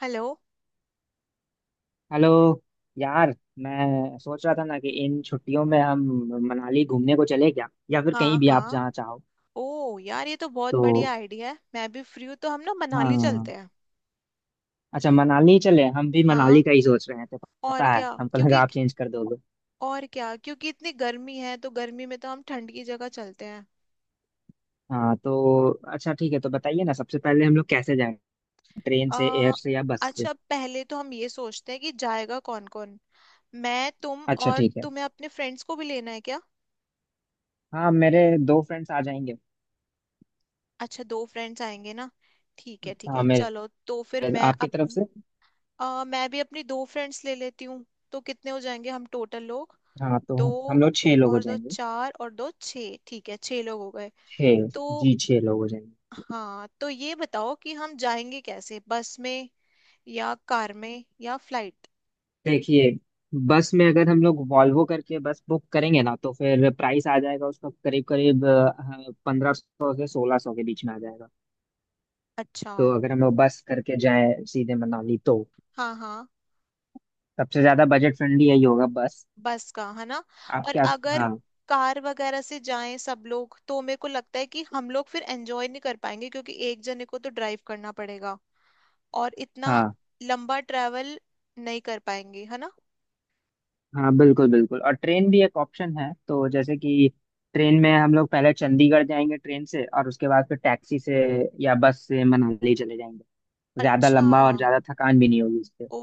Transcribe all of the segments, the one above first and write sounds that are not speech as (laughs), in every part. Hello. Hello. यार, मैं सोच रहा था ना कि इन छुट्टियों में हम मनाली घूमने को चले क्या, या फिर कहीं हाँ भी, आप हाँ। जहाँ चाहो। ओ यार, ये तो बहुत तो बढ़िया आइडिया है। मैं भी फ्री हूँ, तो हम ना मनाली चलते हाँ, हैं। अच्छा मनाली चले। हम भी हाँ। मनाली का ही सोच रहे हैं। तो और पता है, क्या हमको क्योंकि लगा आप चेंज कर दोगे। और क्या क्योंकि इतनी गर्मी है, तो गर्मी में तो हम ठंड की जगह चलते हैं। हाँ तो अच्छा ठीक है। तो बताइए ना, सबसे पहले हम लोग कैसे जाएं, ट्रेन से, एयर आ, से या बस से। अच्छा, पहले तो हम ये सोचते हैं कि जाएगा कौन कौन। मैं, तुम, अच्छा और ठीक है। तुम्हें अपने फ्रेंड्स को भी लेना है क्या? हाँ मेरे दो फ्रेंड्स आ जाएंगे। अच्छा, दो फ्रेंड्स आएंगे ना। ठीक है ठीक हाँ, है, चलो मेरे तो फिर मैं आपकी तरफ से। मैं भी अपनी दो फ्रेंड्स ले लेती हूँ। तो कितने हो जाएंगे हम टोटल लोग? हाँ तो दो हम लोग छः लोग हो और दो जाएंगे। चार, और दो छः। ठीक है, छः लोग हो गए। छः। तो जी, छः लोग हो जाएंगे। हाँ, तो ये बताओ कि हम जाएंगे कैसे, बस में या कार में या फ्लाइट? देखिए, बस में अगर हम लोग वॉल्वो करके बस बुक करेंगे ना, तो फिर प्राइस आ जाएगा उसका करीब करीब 1500 से 1600 के बीच में आ जाएगा। अच्छा। तो अगर हम लोग बस करके जाए सीधे मनाली, तो हाँ हाँ। सबसे ज्यादा बजट फ्रेंडली यही होगा, बस। बस का है ना। आप और क्या? अगर हाँ कार वगैरह से जाएं सब लोग तो मेरे को लगता है कि हम लोग फिर एंजॉय नहीं कर पाएंगे, क्योंकि एक जने को तो ड्राइव करना पड़ेगा और इतना हाँ। लंबा ट्रैवल नहीं कर पाएंगे, है ना। हाँ बिल्कुल बिल्कुल, और ट्रेन भी एक ऑप्शन है। तो जैसे कि ट्रेन में हम लोग पहले चंडीगढ़ जाएंगे ट्रेन से, और उसके बाद फिर टैक्सी से या बस से मनाली चले जाएंगे। ज्यादा अच्छा। लंबा और ज्यादा थकान भी नहीं होगी। ओ,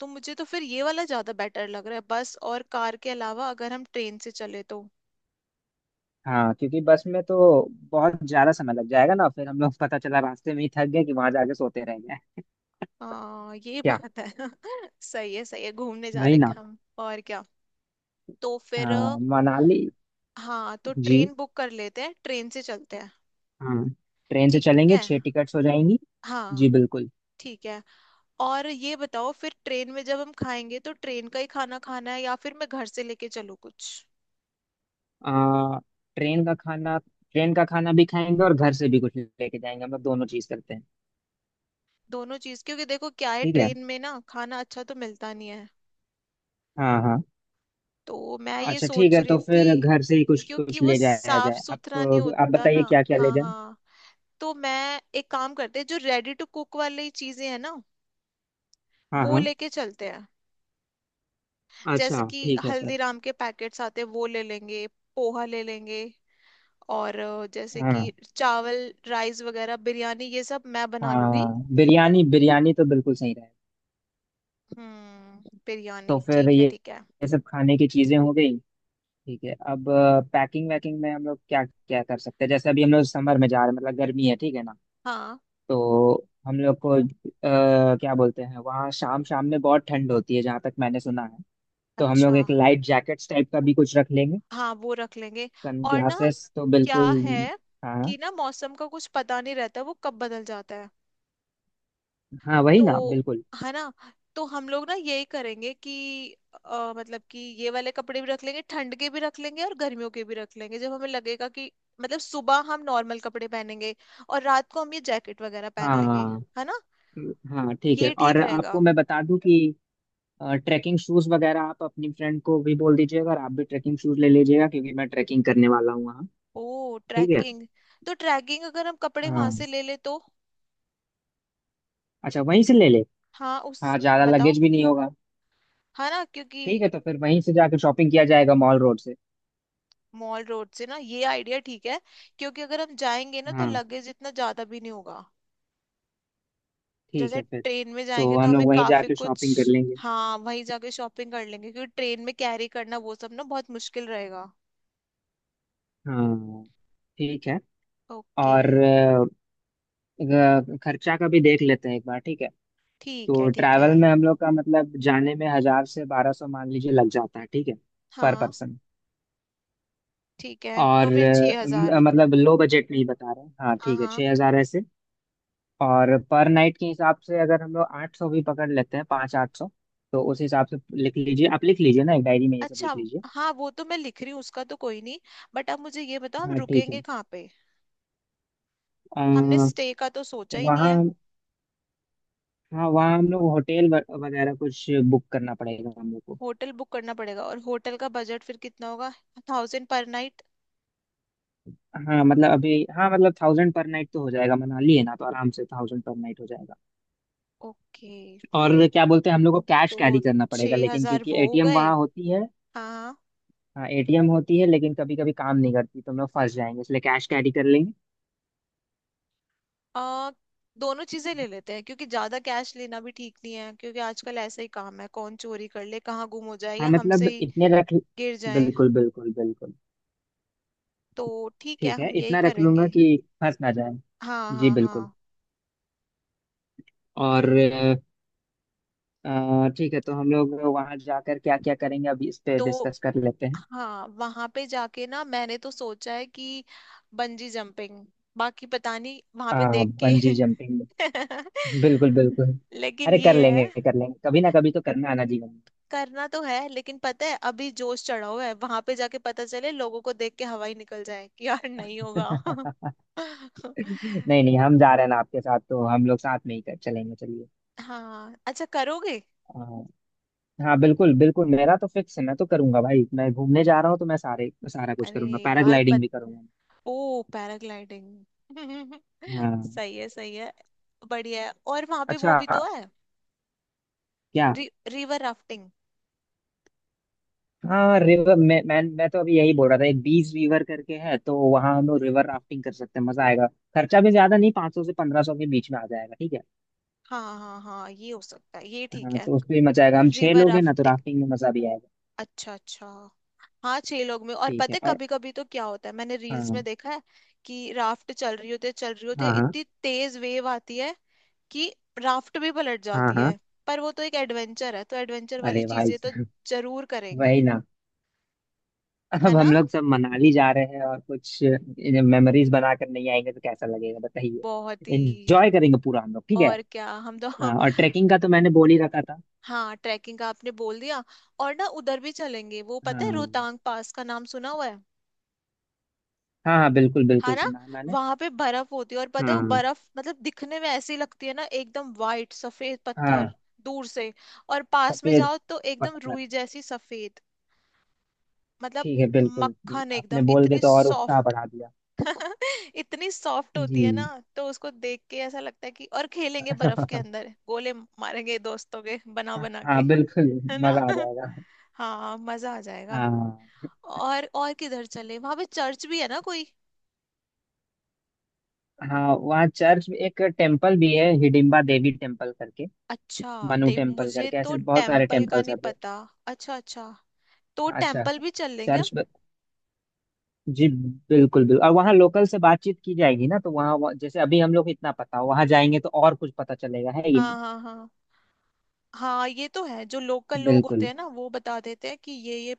तो मुझे तो फिर ये वाला ज्यादा बेटर लग रहा है, बस और कार के अलावा अगर हम ट्रेन से चले तो। हाँ क्योंकि बस में तो बहुत ज्यादा समय लग जाएगा ना, फिर हम लोग पता चला रास्ते में ही थक गए कि वहां जाके सोते रह गए। हाँ ये क्या? बात है। (laughs) सही है सही है, घूमने जा वही रहे ना। हैं हम। और क्या। तो फिर हाँ मनाली। हाँ, तो जी। ट्रेन बुक कर लेते हैं, ट्रेन से चलते हैं। हाँ ट्रेन से ठीक चलेंगे, है। छह टिकट्स हो जाएंगी। हाँ। जी बिल्कुल। ठीक है। और ये बताओ, फिर ट्रेन में जब हम खाएंगे तो ट्रेन का ही खाना खाना है या फिर मैं घर से लेके चलूँ कुछ? आ, ट्रेन का खाना, ट्रेन का खाना भी खाएंगे और घर से भी कुछ लेके जाएंगे, हम लोग दोनों चीज करते हैं। दोनों चीज, क्योंकि देखो क्या है, ठीक है। ट्रेन में ना खाना अच्छा तो मिलता नहीं है। हाँ हाँ। तो मैं ये अच्छा ठीक सोच है, रही तो थी, फिर घर से ही कुछ क्योंकि कुछ वो ले जाया साफ जाए। आप सुथरा नहीं आप होता बताइए ना। क्या क्या ले हाँ जाए। हाँ। तो मैं एक काम करते हैं, जो रेडी टू कुक वाली चीजें हैं ना, हाँ वो हाँ। लेके चलते हैं। जैसे अच्छा कि ठीक है फिर। हल्दीराम के पैकेट्स आते हैं, वो ले लेंगे। पोहा ले लेंगे। और जैसे कि हाँ चावल राइस वगैरह, बिरयानी, ये सब मैं बना लूंगी। हाँ, बिरयानी, बिरयानी तो बिल्कुल सही रहे। हम्म, तो बिरयानी फिर ठीक है ठीक है। ये सब खाने की चीजें हो गई। ठीक है अब, पैकिंग वैकिंग में हम लोग क्या क्या कर सकते हैं। जैसे अभी हम लोग समर में जा रहे हैं, मतलब गर्मी है, ठीक है ना। हाँ। तो हम लोग को क्या बोलते हैं, वहाँ शाम शाम में बहुत ठंड होती है जहाँ तक मैंने सुना है। तो हम लोग अच्छा। एक लाइट जैकेट्स टाइप का भी कुछ रख लेंगे, हाँ वो रख लेंगे। सन और ना, ग्लासेस तो क्या बिल्कुल। है हाँ कि ना, मौसम का कुछ पता नहीं रहता, वो कब बदल जाता है। हाँ वही ना तो, बिल्कुल। है ना। तो हम लोग ना यही करेंगे कि मतलब कि ये वाले कपड़े भी रख लेंगे, ठंड के भी रख लेंगे और गर्मियों के भी रख लेंगे, जब हमें लगेगा कि, मतलब सुबह हम नॉर्मल कपड़े पहनेंगे और रात को हम ये जैकेट वगैरह पहन लेंगे। हाँ है ना। हाँ ठीक है, ये ठीक और रहेगा। आपको मैं बता दूं कि ट्रैकिंग शूज वगैरह आप अपनी फ्रेंड को भी बोल दीजिएगा, और आप भी ट्रैकिंग शूज ले लीजिएगा क्योंकि मैं ट्रैकिंग करने वाला हूँ वहाँ। ओ ठीक है। ट्रैकिंग। तो ट्रैकिंग अगर हम कपड़े वहां से हाँ ले ले तो। अच्छा, वहीं से ले ले। हाँ हाँ उस। ज्यादा बताओ। लगेज भी नहीं होगा। है ना, क्योंकि। ठीक है तो फिर वहीं से जाकर शॉपिंग किया जाएगा मॉल रोड से। मॉल रोड से ना, ये आइडिया ठीक है। क्योंकि अगर हम जाएंगे ना तो हाँ लगेज इतना ज्यादा भी नहीं होगा। ठीक जैसे है फिर। ट्रेन में तो जाएंगे तो हम हमें लोग वहीं काफी जाकर कुछ। शॉपिंग कर लेंगे। हाँ वहीं जाके शॉपिंग कर लेंगे, क्योंकि ट्रेन में कैरी करना वो सब ना बहुत मुश्किल रहेगा। हाँ ठीक है। ओके। और खर्चा का भी देख लेते हैं एक बार, ठीक है। ठीक है तो ठीक है। ट्रैवल में हम लोग का मतलब जाने में 1000 से 1200 मान लीजिए लग जाता है, ठीक है, पर हाँ। पर्सन। ठीक है और तो फिर छह हजार। मतलब लो बजट नहीं बता रहे हैं। हाँ हाँ ठीक है, हाँ। 6000 ऐसे। और पर नाइट के हिसाब से अगर हम लोग 800 भी पकड़ लेते हैं, पाँच 800, तो उस हिसाब से लिख लीजिए। आप लिख लीजिए ना, एक डायरी में ये सब अच्छा। लिख लीजिए। हाँ वो तो मैं लिख रही हूँ, उसका तो कोई नहीं। बट अब मुझे ये बताओ, हम हाँ ठीक है। रुकेंगे कहाँ पे? हमने अ, स्टे का तो सोचा ही नहीं है। वहाँ, हाँ वहाँ हम लोग होटल वगैरह कुछ बुक करना पड़ेगा हम लोग को। होटल बुक करना पड़ेगा और होटल का बजट फिर कितना होगा? Thousand per night. हाँ मतलब अभी, थाउजेंड पर नाइट तो हो जाएगा, मनाली है ना, तो आराम से थाउजेंड पर नाइट हो जाएगा। ओके। और फिर। क्या बोलते हैं, हम लोग को कैश तो कैरी करना पड़ेगा छह लेकिन, हजार क्योंकि वो हो एटीएम गए। वहाँ होती है। हाँ हाँ। हाँ एटीएम होती है, लेकिन कभी कभी काम नहीं करती, तो हम लोग फंस जाएंगे, इसलिए कैश कैरी कर लेंगे। आ, दोनों चीजें ले लेते हैं, क्योंकि ज्यादा कैश लेना भी ठीक नहीं है, क्योंकि आजकल ऐसा ही काम है, कौन चोरी कर ले, कहाँ गुम हो जाए, हाँ या हमसे मतलब ही इतने रख, गिर जाए। बिल्कुल बिल्कुल बिल्कुल। तो ठीक है, ठीक है, हम यही इतना रख लूंगा करेंगे। कि फंस ना जाए। हाँ जी हाँ बिल्कुल। हाँ। और ठीक। ठीक है, तो हम लोग वहां जाकर क्या क्या करेंगे अभी इस पे तो डिस्कस कर लेते हैं। हाँ, वहां पे जाके ना मैंने तो सोचा है कि बंजी जंपिंग। बाकी पता नहीं वहां पे देख के। बंजी जंपिंग, (laughs) बिल्कुल बिल्कुल। लेकिन अरे कर ये है, लेंगे कर लेंगे, कभी ना कभी तो करना आना जीवन में। करना तो है, लेकिन पता है अभी जोश चढ़ा हुआ है, वहां पे जाके पता चले लोगों को देख के हवा ही निकल जाए कि यार नहीं होगा। (laughs) (laughs) नहीं नहीं, हम जा रहे हैं ना आपके साथ, तो हम लोग साथ में ही कर चलेंगे, चलिए। हाँ अच्छा करोगे। हाँ बिल्कुल बिल्कुल, मेरा तो फिक्स है, मैं तो करूंगा भाई। मैं घूमने जा रहा हूँ तो मैं सारे सारा कुछ अरे करूंगा, यार पैराग्लाइडिंग भी करूंगा। ओ पैराग्लाइडिंग। (laughs) हाँ सही है सही है। बढ़िया है, और वहां पे वो अच्छा। भी तो है, क्या? River rafting. हाँ रिवर, मैं तो अभी यही बोल रहा था, एक बीच रिवर करके है, तो वहाँ हम लोग रिवर राफ्टिंग कर सकते हैं, मजा आएगा। खर्चा भी ज्यादा नहीं, 500 से 1500 के बीच में आ जाएगा, ठीक है। हाँ हाँ हाँ, ये हो सकता है, ये ठीक हाँ, है। तो उसमें भी मजा आएगा, हम छह रिवर लोग हैं ना तो राफ्टिंग। राफ्टिंग में मजा भी आएगा। अच्छा अच्छा। हाँ छह लोग में। और ठीक पता है है और। कभी कभी तो क्या होता है, मैंने रील्स में हाँ देखा है कि राफ्ट चल रही होती है, चल रही होती है, हाँ हाँ इतनी तेज वेव आती है कि राफ्ट भी पलट हाँ जाती हाँ। है। पर वो तो एक एडवेंचर है, तो एडवेंचर वाली अरे भाई, (laughs) चीजें तो साहब, जरूर करेंगे। वही ना। है अब ना। हम लोग सब मनाली जा रहे हैं और कुछ मेमोरीज बनाकर नहीं आएंगे तो कैसा लगेगा बहुत बताइए। ही। एंजॉय करेंगे पूरा हम लोग, ठीक है। और क्या हम तो। हाँ, और (laughs) ट्रैकिंग का तो मैंने बोल ही रखा था। हाँ, ट्रैकिंग का आपने बोल दिया। और ना, उधर भी चलेंगे, वो पता है हाँ रोहतांग पास का नाम सुना हुआ है। हाँ हाँ बिल्कुल हाँ बिल्कुल, ना। सुना है मैंने। वहां पे बर्फ होती है, और पता है वो हाँ बर्फ मतलब दिखने में ऐसी लगती है ना, एकदम वाइट सफेद पत्थर। हाँ, दूर से। और पास में सफेद जाओ तो एकदम पत्थर। रुई जैसी सफेद। मतलब ठीक है बिल्कुल, ये मक्खन, आपने एकदम बोल के इतनी तो और उत्साह सॉफ्ट। बढ़ा दिया। (laughs) इतनी सॉफ्ट होती है ना। जी। तो उसको देख के ऐसा लगता है कि और खेलेंगे बर्फ के (laughs) अंदर, गोले मारेंगे दोस्तों के, बना बना हाँ के। बिल्कुल, (laughs) है ना। मजा आ (laughs) जाएगा। हाँ मजा आ जाएगा। हाँ। और किधर चले, वहां पे चर्च भी है ना कोई? हाँ वहाँ चर्च में, एक टेम्पल भी है हिडिम्बा देवी टेम्पल करके, अच्छा। मनु नहीं, टेम्पल मुझे करके, तो ऐसे बहुत सारे टेम्पल का टेम्पल्स हैं। नहीं पता। अच्छा अच्छा। तो अच्छा। टेम्पल भी चल लेंगे हम। चर्च जी, बिल्कुल बिल्कुल, और वहाँ लोकल से बातचीत की जाएगी ना, तो वहाँ वहाँ- जैसे अभी हम लोग को इतना पता हो, वहाँ जाएंगे तो और कुछ पता चलेगा, है ये हाँ नहीं। हाँ हाँ। हाँ ये तो है, जो लोकल लोग होते बिल्कुल। हैं ना वो बता देते हैं कि ये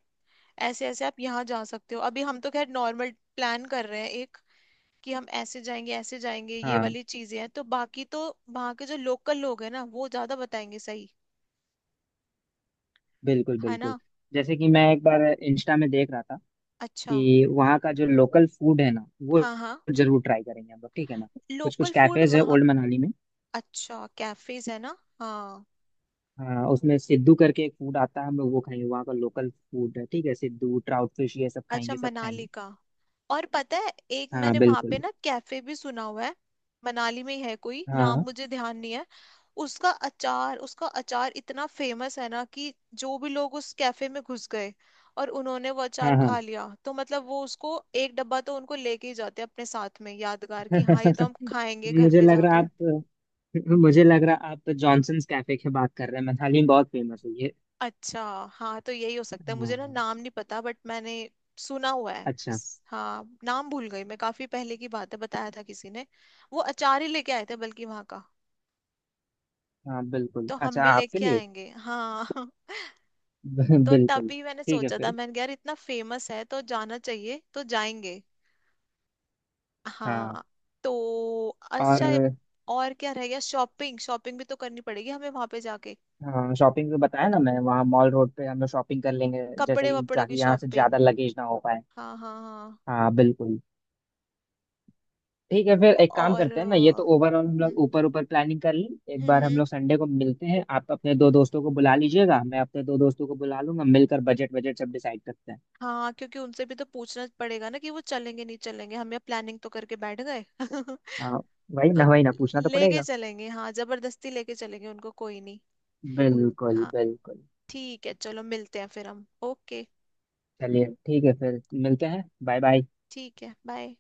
ऐसे ऐसे आप यहाँ जा सकते हो। अभी हम तो खैर नॉर्मल प्लान कर रहे हैं, एक कि हम ऐसे जाएंगे ऐसे जाएंगे, ये हाँ वाली चीजें हैं, तो बाकी तो वहाँ के जो लोकल लोग हैं ना वो ज्यादा बताएंगे सही। बिल्कुल है बिल्कुल। ना। जैसे कि मैं एक बार इंस्टा में देख रहा था अच्छा। कि वहाँ का जो लोकल फूड है ना, वो हाँ हाँ। जरूर ट्राई करेंगे हम लोग, ठीक है ना। कुछ कुछ लोकल फूड कैफेज है वहाँ। ओल्ड मनाली में। अच्छा, कैफेज है ना। हाँ। हाँ उसमें सिद्धू करके एक फूड आता है, हम लोग वो खाएंगे, वहाँ का लोकल फूड है, ठीक है। सिद्धू, ट्राउट फिश, ये सब अच्छा, खाएंगे, सब मनाली खाएंगे। का। और पता है एक हाँ मैंने वहां पे बिल्कुल। ना कैफे भी सुना हुआ है। मनाली में ही है, कोई नाम हाँ मुझे ध्यान नहीं है। उसका अचार, उसका अचार इतना फेमस है ना कि जो भी लोग उस कैफे में घुस गए और उन्होंने वो अचार हाँ खा हाँ। लिया, तो मतलब वो उसको एक डब्बा तो उनको लेके ही जाते हैं अपने साथ में यादगार, कि हाँ ये तो हम खाएंगे घर मुझे पे लग रहा जाके। आप मुझे लग रहा आप जॉनसन्स कैफे की बात कर रहे हैं, मैथाली में बहुत फेमस है ये। अच्छा। हाँ तो यही हो सकता है, हाँ। मुझे ना नाम नहीं पता, बट मैंने सुना हुआ है अच्छा। किस। हाँ, नाम भूल गई मैं, काफी पहले की बात है, बताया था किसी ने। वो अचार ही लेके आए थे बल्कि वहां का। हाँ बिल्कुल, तो हम अच्छा भी आपके लेके लिए। आएंगे हाँ। (laughs) (laughs) तो बिल्कुल। तभी मैंने ठीक है सोचा था, फिर। मैंने कहा, यार इतना फेमस है तो जाना चाहिए, तो जाएंगे। हाँ। हाँ। तो और अच्छा। और क्या रह गया, शॉपिंग, शॉपिंग भी तो करनी पड़ेगी हमें वहां पे जाके। हाँ, शॉपिंग तो बताया ना, मैं वहाँ मॉल रोड पे हम लोग शॉपिंग कर लेंगे, जैसे कपड़े कि वपड़ों ताकि की यहाँ से शॉपिंग। ज्यादा लगेज ना हो पाए। हाँ हाँ हाँ। हाँ बिल्कुल। ठीक है फिर, एक काम और करते हैं ना, ये तो ओवरऑल हम लोग हम्म ऊपर ऊपर प्लानिंग कर लें, एक हम्म बार हम हम्म। लोग संडे को मिलते हैं। आप अपने दो दोस्तों को बुला लीजिएगा, मैं अपने दो दोस्तों को बुला लूंगा, मिलकर बजट, बजट सब डिसाइड करते हैं। हाँ क्योंकि उनसे भी तो पूछना पड़ेगा ना कि वो चलेंगे नहीं चलेंगे, हम यहाँ प्लानिंग तो करके बैठ गए। (laughs) हाँ वही तो ना वही ना, पूछना तो लेके पड़ेगा। चलेंगे, हाँ जबरदस्ती लेके चलेंगे उनको, कोई नहीं। बिल्कुल हाँ। बिल्कुल। ठीक है चलो, मिलते हैं फिर हम। ओके चलिए ठीक है फिर मिलते हैं, बाय बाय। ठीक है। बाय।